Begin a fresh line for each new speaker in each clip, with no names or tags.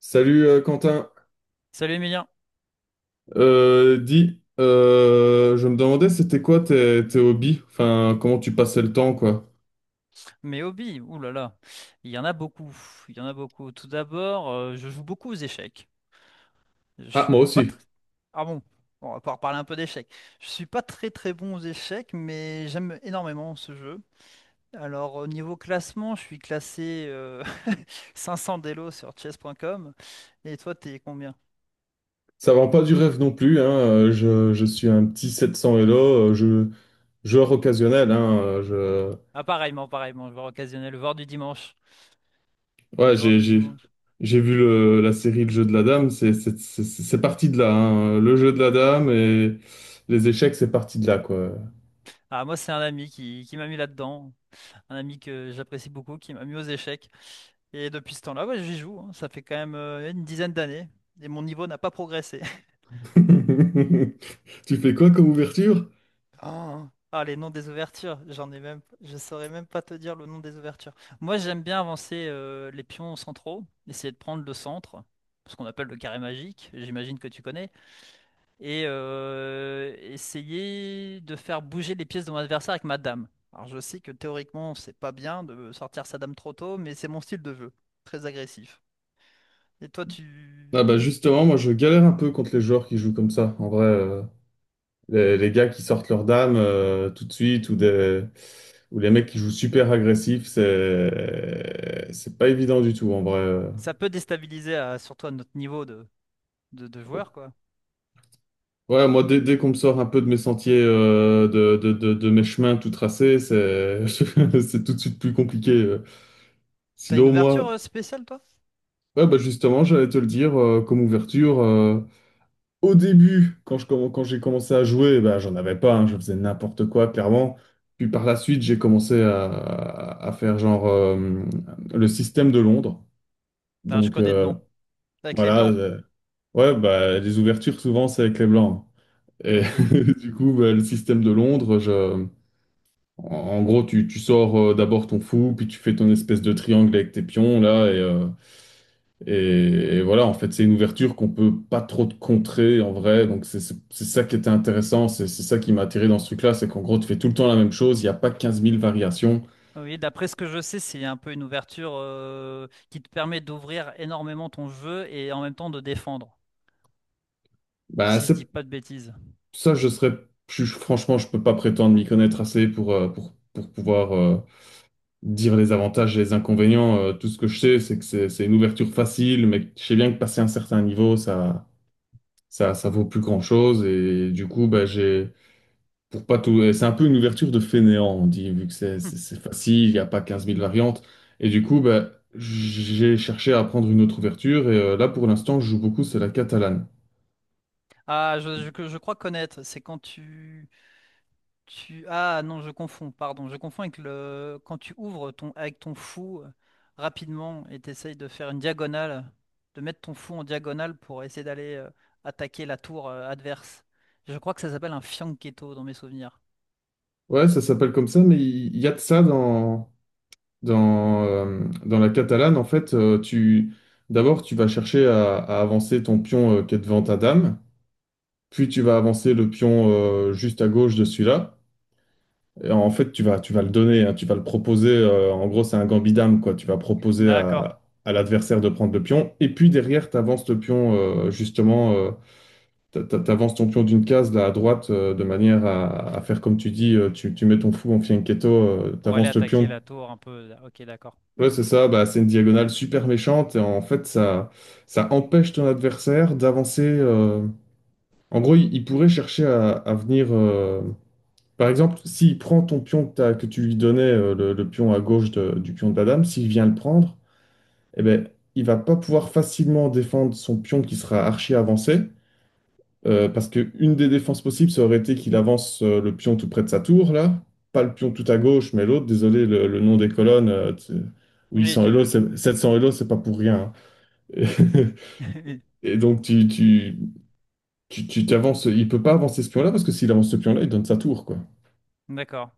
Salut, Quentin.
Salut Emilien,
Dis, je me demandais c'était quoi tes hobbies, enfin comment tu passais le temps quoi.
mes hobbies, ouh là là, il y en a beaucoup, il y en a beaucoup. Tout d'abord, je joue beaucoup aux échecs. Je
Ah moi
suis pas
aussi,
très... Ah bon. Bon, on va pouvoir parler un peu d'échecs. Je suis pas très très bon aux échecs, mais j'aime énormément ce jeu. Alors au niveau classement, je suis classé 500 d'élo sur chess.com. Et toi, t'es combien?
ça vend pas du rêve non plus, hein. Je suis un petit 700 Elo, joueur occasionnel, hein.
Ah pareillement, pareillement, joueur occasionnel, joueur du dimanche.
Ouais,
Joueur
j'ai
du
j'ai
dimanche.
j'ai vu la série Le jeu de la dame, c'est parti de là, hein. Le jeu de la dame et les échecs c'est parti de là quoi.
Ah moi, c'est un ami qui m'a mis là-dedans, un ami que j'apprécie beaucoup, qui m'a mis aux échecs. Et depuis ce temps-là, ouais, j'y joue, hein. Ça fait quand même une dizaine d'années. Et mon niveau n'a pas progressé.
Tu fais quoi comme ouverture?
Ah, Ah, les noms des ouvertures, j'en ai même, je saurais même pas te dire le nom des ouvertures. Moi, j'aime bien avancer les pions centraux, essayer de prendre le centre, ce qu'on appelle le carré magique, j'imagine que tu connais, et essayer de faire bouger les pièces de mon adversaire avec ma dame. Alors, je sais que théoriquement, c'est pas bien de sortir sa dame trop tôt, mais c'est mon style de jeu, très agressif. Et toi, tu
Ah bah justement, moi je galère un peu contre les joueurs qui jouent comme ça. En vrai, les gars qui sortent leur dame tout de suite ou des ou les mecs qui jouent super agressifs, c'est pas évident du tout en vrai.
Ça peut déstabiliser, surtout à notre niveau de joueur, quoi.
Ouais, moi dès qu'on me sort un peu de mes sentiers, de mes chemins tout tracés, c'est c'est tout de suite plus compliqué.
T'as une
Sinon
ouverture
moi,
spéciale, toi?
ouais bah justement, j'allais te le dire, comme ouverture. Au début, quand j'ai commencé à jouer, bah, j'en avais pas, hein, je faisais n'importe quoi, clairement. Puis par la suite, j'ai commencé à faire genre le système de Londres.
Ah je
Donc
connais de
euh,
nom. Avec les
voilà,
blancs.
ouais, bah, les ouvertures souvent c'est avec les blancs. Et
Ok.
du coup, bah, le système de Londres, je... En gros, tu sors d'abord ton fou, puis tu fais ton espèce de triangle avec tes pions là, Et, et voilà, en fait, c'est une ouverture qu'on peut pas trop te contrer en vrai. Donc, c'est ça qui était intéressant. C'est ça qui m'a attiré dans ce truc-là. C'est qu'en gros, tu fais tout le temps la même chose. Il n'y a pas quinze mille variations.
Oui, d'après ce que je sais, c'est un peu une ouverture qui te permet d'ouvrir énormément ton jeu et en même temps de défendre,
Bah,
si je dis pas de bêtises.
ça, je serais. Franchement, je peux pas prétendre m'y connaître assez pour pouvoir dire les avantages et les inconvénients. Tout ce que je sais, c'est que c'est une ouverture facile, mais je sais bien que passer un certain niveau, ça, ça vaut plus grand-chose. Et du coup, bah, j'ai. Pour pas tout... C'est un peu une ouverture de fainéant, on dit, vu que
Hmm.
c'est facile, il n'y a pas quinze mille variantes. Et du coup, ben j'ai cherché à prendre une autre ouverture. Là, pour l'instant, je joue beaucoup, c'est la catalane.
Ah, que je crois connaître, c'est quand tu... Ah non, je confonds, pardon. Je confonds avec le... Quand tu ouvres ton... avec ton fou rapidement et t'essayes de faire une diagonale, de mettre ton fou en diagonale pour essayer d'aller attaquer la tour adverse. Je crois que ça s'appelle un fianchetto dans mes souvenirs.
Ouais, ça s'appelle comme ça, mais il y a de ça dans la catalane. En fait, d'abord, tu vas chercher à avancer ton pion qui est devant ta dame, puis tu vas avancer le pion, juste à gauche de celui-là. Et en fait, tu vas le donner, hein, tu vas le proposer. En gros, c'est un gambit dame, quoi. Tu vas proposer
D'accord.
à l'adversaire de prendre le pion. Et puis derrière, tu avances ton pion d'une case là, à droite, de manière à faire comme tu dis, tu mets ton fou en fianchetto, tu
Pour aller
avances le
attaquer
pion.
la tour un peu. Ok, d'accord.
Ouais, c'est ça, bah, c'est une diagonale super méchante. Et en fait, ça empêche ton adversaire d'avancer. En gros, il pourrait chercher à venir. Par exemple, s'il prend ton pion que tu lui donnais, le pion à gauche du pion de la dame, s'il vient le prendre, eh ben, il va pas pouvoir facilement défendre son pion qui sera archi avancé, parce que une des défenses possibles, ça aurait été qu'il avance le pion tout près de sa tour, là, pas le pion tout à gauche, mais l'autre, désolé, le nom des colonnes,
Oui,
800 Elo,
tu...
700 Elo, c'est pas pour rien, hein. Et donc, tu t'avances, il peut pas avancer ce pion-là, parce que s'il avance ce pion-là, il donne sa tour, quoi.
D'accord.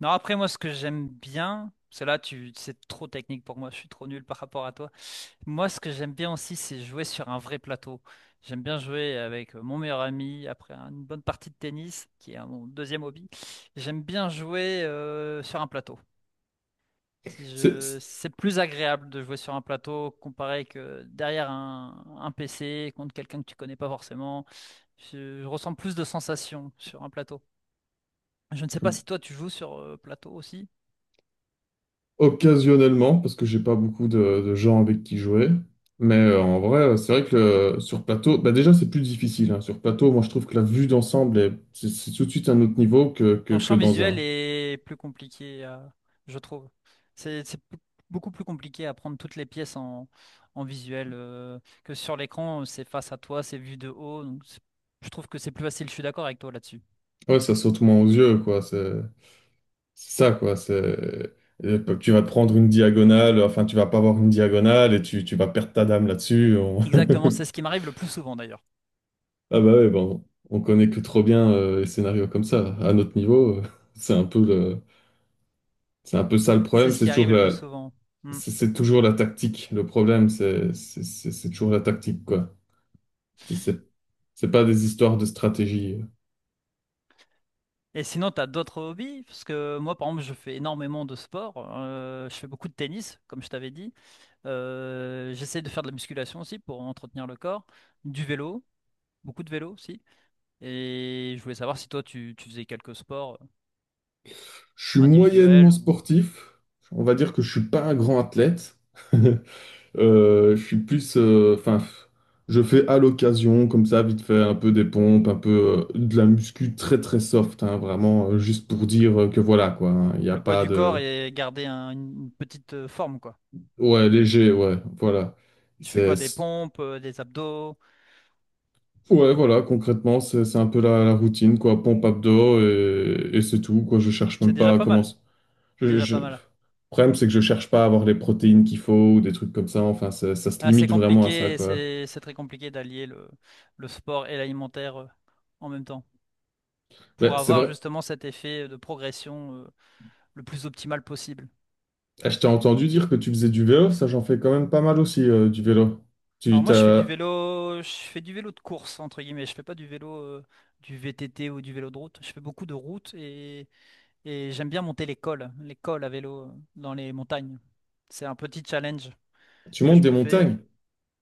Non, après, moi, ce que j'aime bien, parce que là, c'est trop technique pour moi, je suis trop nul par rapport à toi. Moi, ce que j'aime bien aussi, c'est jouer sur un vrai plateau. J'aime bien jouer avec mon meilleur ami après une bonne partie de tennis, qui est mon deuxième hobby. J'aime bien jouer sur un plateau. Si
C'est,
je- C'est plus agréable de jouer sur un plateau comparé que derrière un PC contre quelqu'un que tu connais pas forcément. Je ressens plus de sensations sur un plateau. Je ne sais pas si toi tu joues sur plateau aussi.
Occasionnellement, parce que j'ai pas beaucoup de gens avec qui jouer. Mais en vrai, c'est vrai que sur plateau, bah déjà c'est plus difficile, hein. Sur plateau, moi je trouve que la vue d'ensemble est c'est tout de suite un autre niveau
Ton
que
champ
dans
visuel
un.
est plus compliqué, je trouve. C'est beaucoup plus compliqué à prendre toutes les pièces en visuel que sur l'écran, c'est face à toi, c'est vu de haut. Je trouve que c'est plus facile, je suis d'accord avec toi là-dessus.
Ouais, ça saute moins aux yeux, quoi. C'est ça, quoi. Tu vas te prendre une diagonale, enfin tu vas pas avoir une diagonale et tu vas perdre ta dame là-dessus.
Exactement, c'est ce qui m'arrive le plus souvent d'ailleurs.
Ah bah ouais, bon, on connaît que trop bien les scénarios comme ça. À notre niveau, c'est un peu le. C'est un peu ça le
C'est
problème,
ce
c'est
qui
toujours
arrive le plus souvent. Mm.
c'est toujours la tactique. Le problème, c'est toujours la tactique, quoi. C'est c'est- c'est pas des histoires de stratégie.
Et sinon, tu as d'autres hobbies? Parce que moi, par exemple, je fais énormément de sport. Je fais beaucoup de tennis, comme je t'avais dit. J'essaie de faire de la musculation aussi pour entretenir le corps. Du vélo, beaucoup de vélo aussi. Et je voulais savoir si toi, tu faisais quelques sports
Je suis
individuels
moyennement
ou
sportif. On va dire que je suis pas un grand athlète. Je suis plus, enfin, je fais à l'occasion, comme ça, vite fait, un peu des pompes, un peu de la muscu très très soft, hein, vraiment, juste pour dire que voilà, quoi, hein. Il n'y a
le poids
pas
du corps
de,
et garder une petite forme, quoi.
ouais, léger, ouais, voilà.
Tu fais
C'est
quoi? Des pompes, des abdos?
Ouais, voilà, concrètement, c'est un peu la routine, quoi. Pompe abdos et c'est tout, quoi. Je cherche
C'est
même pas
déjà
à
pas
comment.
mal. C'est déjà pas
Le
mal.
problème, c'est que je cherche pas à avoir les protéines qu'il faut ou des trucs comme ça. Enfin, ça se
Ah, c'est
limite vraiment à ça,
compliqué,
quoi.
c'est très compliqué d'allier le sport et l'alimentaire en même temps pour
Ouais, c'est
avoir
vrai.
justement cet effet de progression le plus optimal possible.
Eh, je t'ai entendu dire que tu faisais du vélo. Ça, j'en fais quand même pas mal aussi, du vélo. Tu
Alors moi, je fais du
t'as...
vélo, je fais du vélo de course, entre guillemets. Je fais pas du vélo, du VTT ou du vélo de route. Je fais beaucoup de route et j'aime bien monter les cols à vélo dans les montagnes. C'est un petit challenge
Tu
que
montes
je
des
me fais.
montagnes.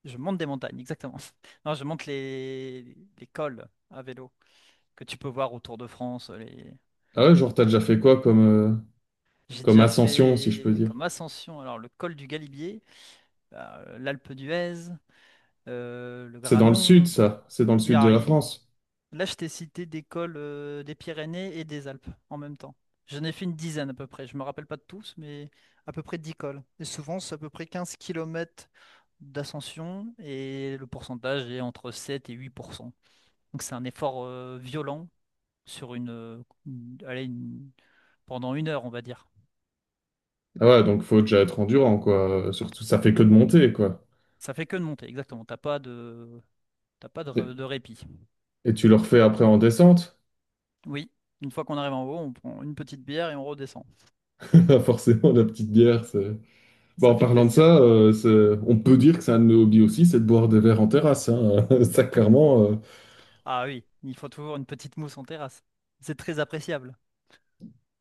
Je monte des montagnes, exactement. Non, je monte les cols à vélo que tu peux voir autour de France. Les...
Ah ouais, genre, t'as déjà fait quoi
J'ai
comme
déjà
ascension, si je peux
fait
dire?
comme ascension, alors le col du Galibier, l'Alpe d'Huez, le
C'est dans le sud,
Granon.
ça. C'est dans le
Il y
sud de
a-
la France.
Là, je t'ai cité des cols des Pyrénées et des Alpes en même temps. J'en ai fait une dizaine à peu près. Je me rappelle pas de tous, mais à peu près 10 cols. Et souvent, c'est à peu près 15 kilomètres d'ascension et le pourcentage est entre 7 et 8%. Donc c'est un effort violent sur pendant une heure, on va dire.
Ah ouais, donc faut déjà être endurant, quoi. Surtout, ça fait que de monter, quoi.
Ça fait que de monter, exactement. T'as pas de répit.
Et tu le refais après en descente?
Oui, une fois qu'on arrive en haut, on prend une petite bière et on redescend.
Forcément, la petite bière, c'est... Bon,
Ça
en
fait
parlant de
plaisir.
ça, on peut dire que c'est un de nos hobbies aussi, c'est de boire des verres en terrasse, hein. Ça, clairement,
Ah oui, il faut toujours une petite mousse en terrasse. C'est très appréciable.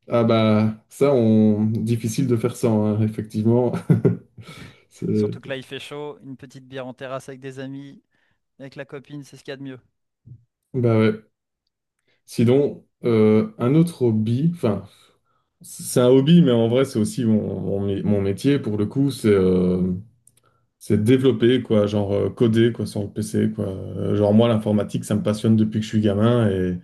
ah bah, ça, on... difficile de faire ça, hein, effectivement. C'est-
Surtout que là, il fait chaud, une petite bière en terrasse avec des amis, avec la copine, c'est ce qu'il y a de mieux.
Bah ouais. Sinon, un autre hobby, enfin, c'est un hobby, mais en vrai, c'est aussi mon métier, pour le coup, c'est... C'est développer, quoi, genre coder, quoi, sur le PC, quoi. Genre moi, l'informatique, ça me passionne depuis que je suis gamin et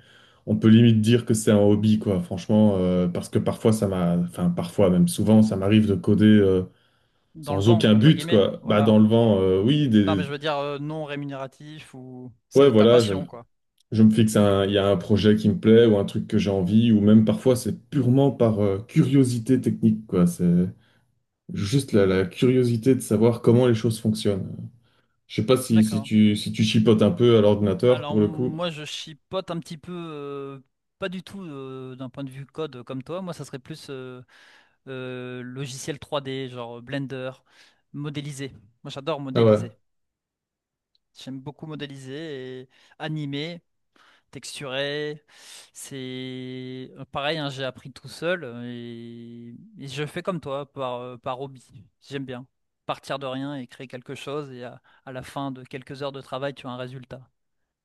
on peut limite dire que c'est un hobby, quoi, franchement, parce que parfois, enfin, parfois, même souvent, ça m'arrive de coder
Dans le
sans
vent,
aucun
entre
but,
guillemets,
quoi. Bah, dans
voilà.
le vent, oui,
Non,
des...
mais je veux dire non rémunératif ou
Ouais,
c'est ta
voilà,
passion, quoi.
je me fixe un, il y a un projet qui me plaît ou un truc que j'ai envie, ou même parfois, c'est purement par curiosité technique, quoi. C'est juste la curiosité de savoir comment les choses fonctionnent. Je sais pas
D'accord.
si tu chipotes un peu à l'ordinateur
Alors
pour le coup.
moi, je chipote un petit peu, pas du tout d'un point de vue code comme toi. Moi, ça serait plus logiciel 3D, genre Blender, modéliser. Moi, j'adore
Ah ouais.
modéliser. J'aime beaucoup modéliser et animer. Texturé. C'est pareil, hein, j'ai appris tout seul et je fais comme toi, par hobby. J'aime bien partir de rien et créer quelque chose et à la fin de quelques heures de travail, tu as un résultat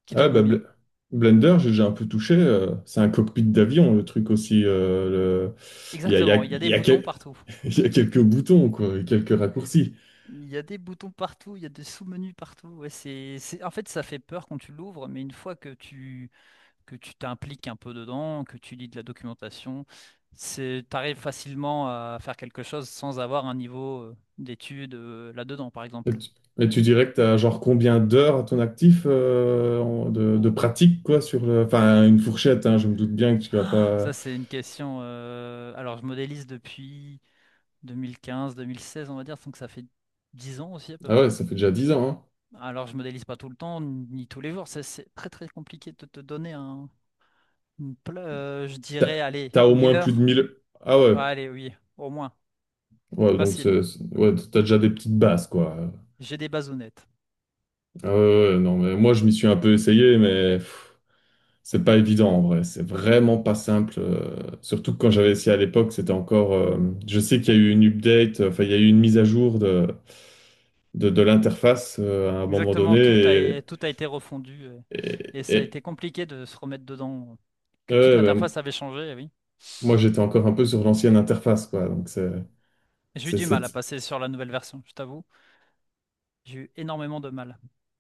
qui te
Ah bah
convient.
Blender, j'ai déjà un peu touché. C'est un cockpit d'avion, le truc aussi. le- Il y a, il y a,
Exactement, il y a
il
des
y a
boutons
quel-
partout.
Il y a quelques boutons, quoi, et quelques raccourcis.
Il y a des boutons partout, il y a des sous-menus partout. Ouais, En fait, ça fait peur quand tu l'ouvres, mais une fois que que tu t'impliques un peu dedans, que tu lis de la documentation, t'arrives facilement à faire quelque chose sans avoir un niveau d'études là-dedans, par
Et
exemple.
tu, et tu dirais que tu as genre combien d'heures à ton actif de
Oh.
pratique, quoi, sur le... Enfin, une fourchette, hein, je me doute bien que tu vas
Ah,
pas...
ça, c'est une question. Alors, je modélise depuis 2015-2016, on va dire, donc ça fait 10 ans aussi à peu
Ah ouais,
près.
ça fait déjà 10 ans, hein.
Alors, je modélise pas tout le temps, ni tous les jours. Ça, c'est très très compliqué de te donner je
T'as,
dirais, allez,
T'as au
1000
moins plus de
heures.
1000. Ah ouais,
Ouais, allez, oui, au moins,
ouais, donc
facile.
ouais, t'as déjà des petites bases, quoi.
J'ai des bases honnêtes.
Ah ouais, ouais, non, mais moi je m'y suis un peu essayé, mais pff, c'est pas évident en vrai. C'est vraiment pas simple. Surtout que quand j'avais essayé à l'époque, c'était encore. Je sais qu'il y a eu une update, enfin il y a eu une mise à jour de l'interface à un moment donné.
Exactement, tout a, tout a été refondu
Et,
et ça a
et-
été compliqué de se remettre dedans, que toute
ouais, ben,
l'interface avait changé, eh oui.
moi j'étais encore un peu sur l'ancienne interface, quoi. Donc
J'ai eu du mal à
c'est-
passer sur la nouvelle version, je t'avoue. J'ai eu énormément de mal.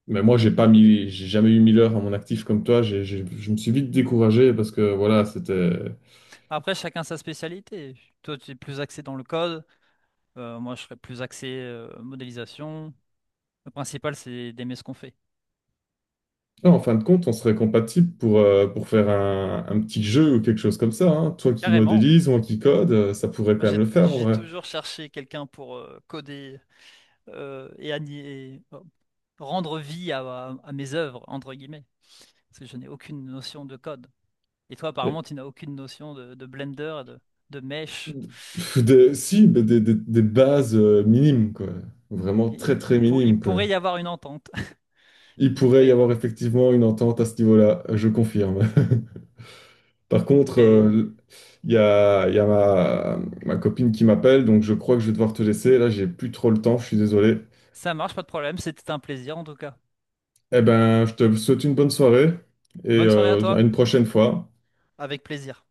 Mais moi j'ai pas mis, j'ai jamais eu 1000 heures à mon actif comme toi. Je me suis vite découragé parce que voilà, c'était.
Après, chacun sa spécialité. Toi, tu es plus axé dans le code, moi, je serais plus axé modélisation. Le principal, c'est d'aimer ce qu'on fait.
Là, en fin de compte, on serait compatible pour faire un petit jeu ou quelque chose comme ça, hein. Toi qui
Carrément.
modélise, moi qui code, ça pourrait
Moi,
quand même
j'ai
le faire en
j'ai
vrai.
toujours cherché quelqu'un pour coder et rendre vie à mes œuvres, entre guillemets, parce que je n'ai aucune notion de code. Et toi, apparemment,
Et-
tu n'as aucune notion de Blender, de mesh.
Pff, si, mais des bases minimes, quoi. Vraiment
Et
très très
il
minimes, quoi.
pourrait y avoir une entente.
Il
Il
pourrait
pourrait
y
y avoir
avoir
une...
effectivement une entente à ce niveau-là, je confirme. Par contre,
Et
il y a ma, ma copine qui m'appelle, donc je crois que je vais devoir te laisser. Là, j'ai plus trop le temps, je suis désolé.
ça marche, pas de problème. C'était un plaisir en tout cas.
Eh ben, je te souhaite une bonne soirée et
Bonne soirée à
euh, à
toi.
une prochaine fois.
Avec plaisir.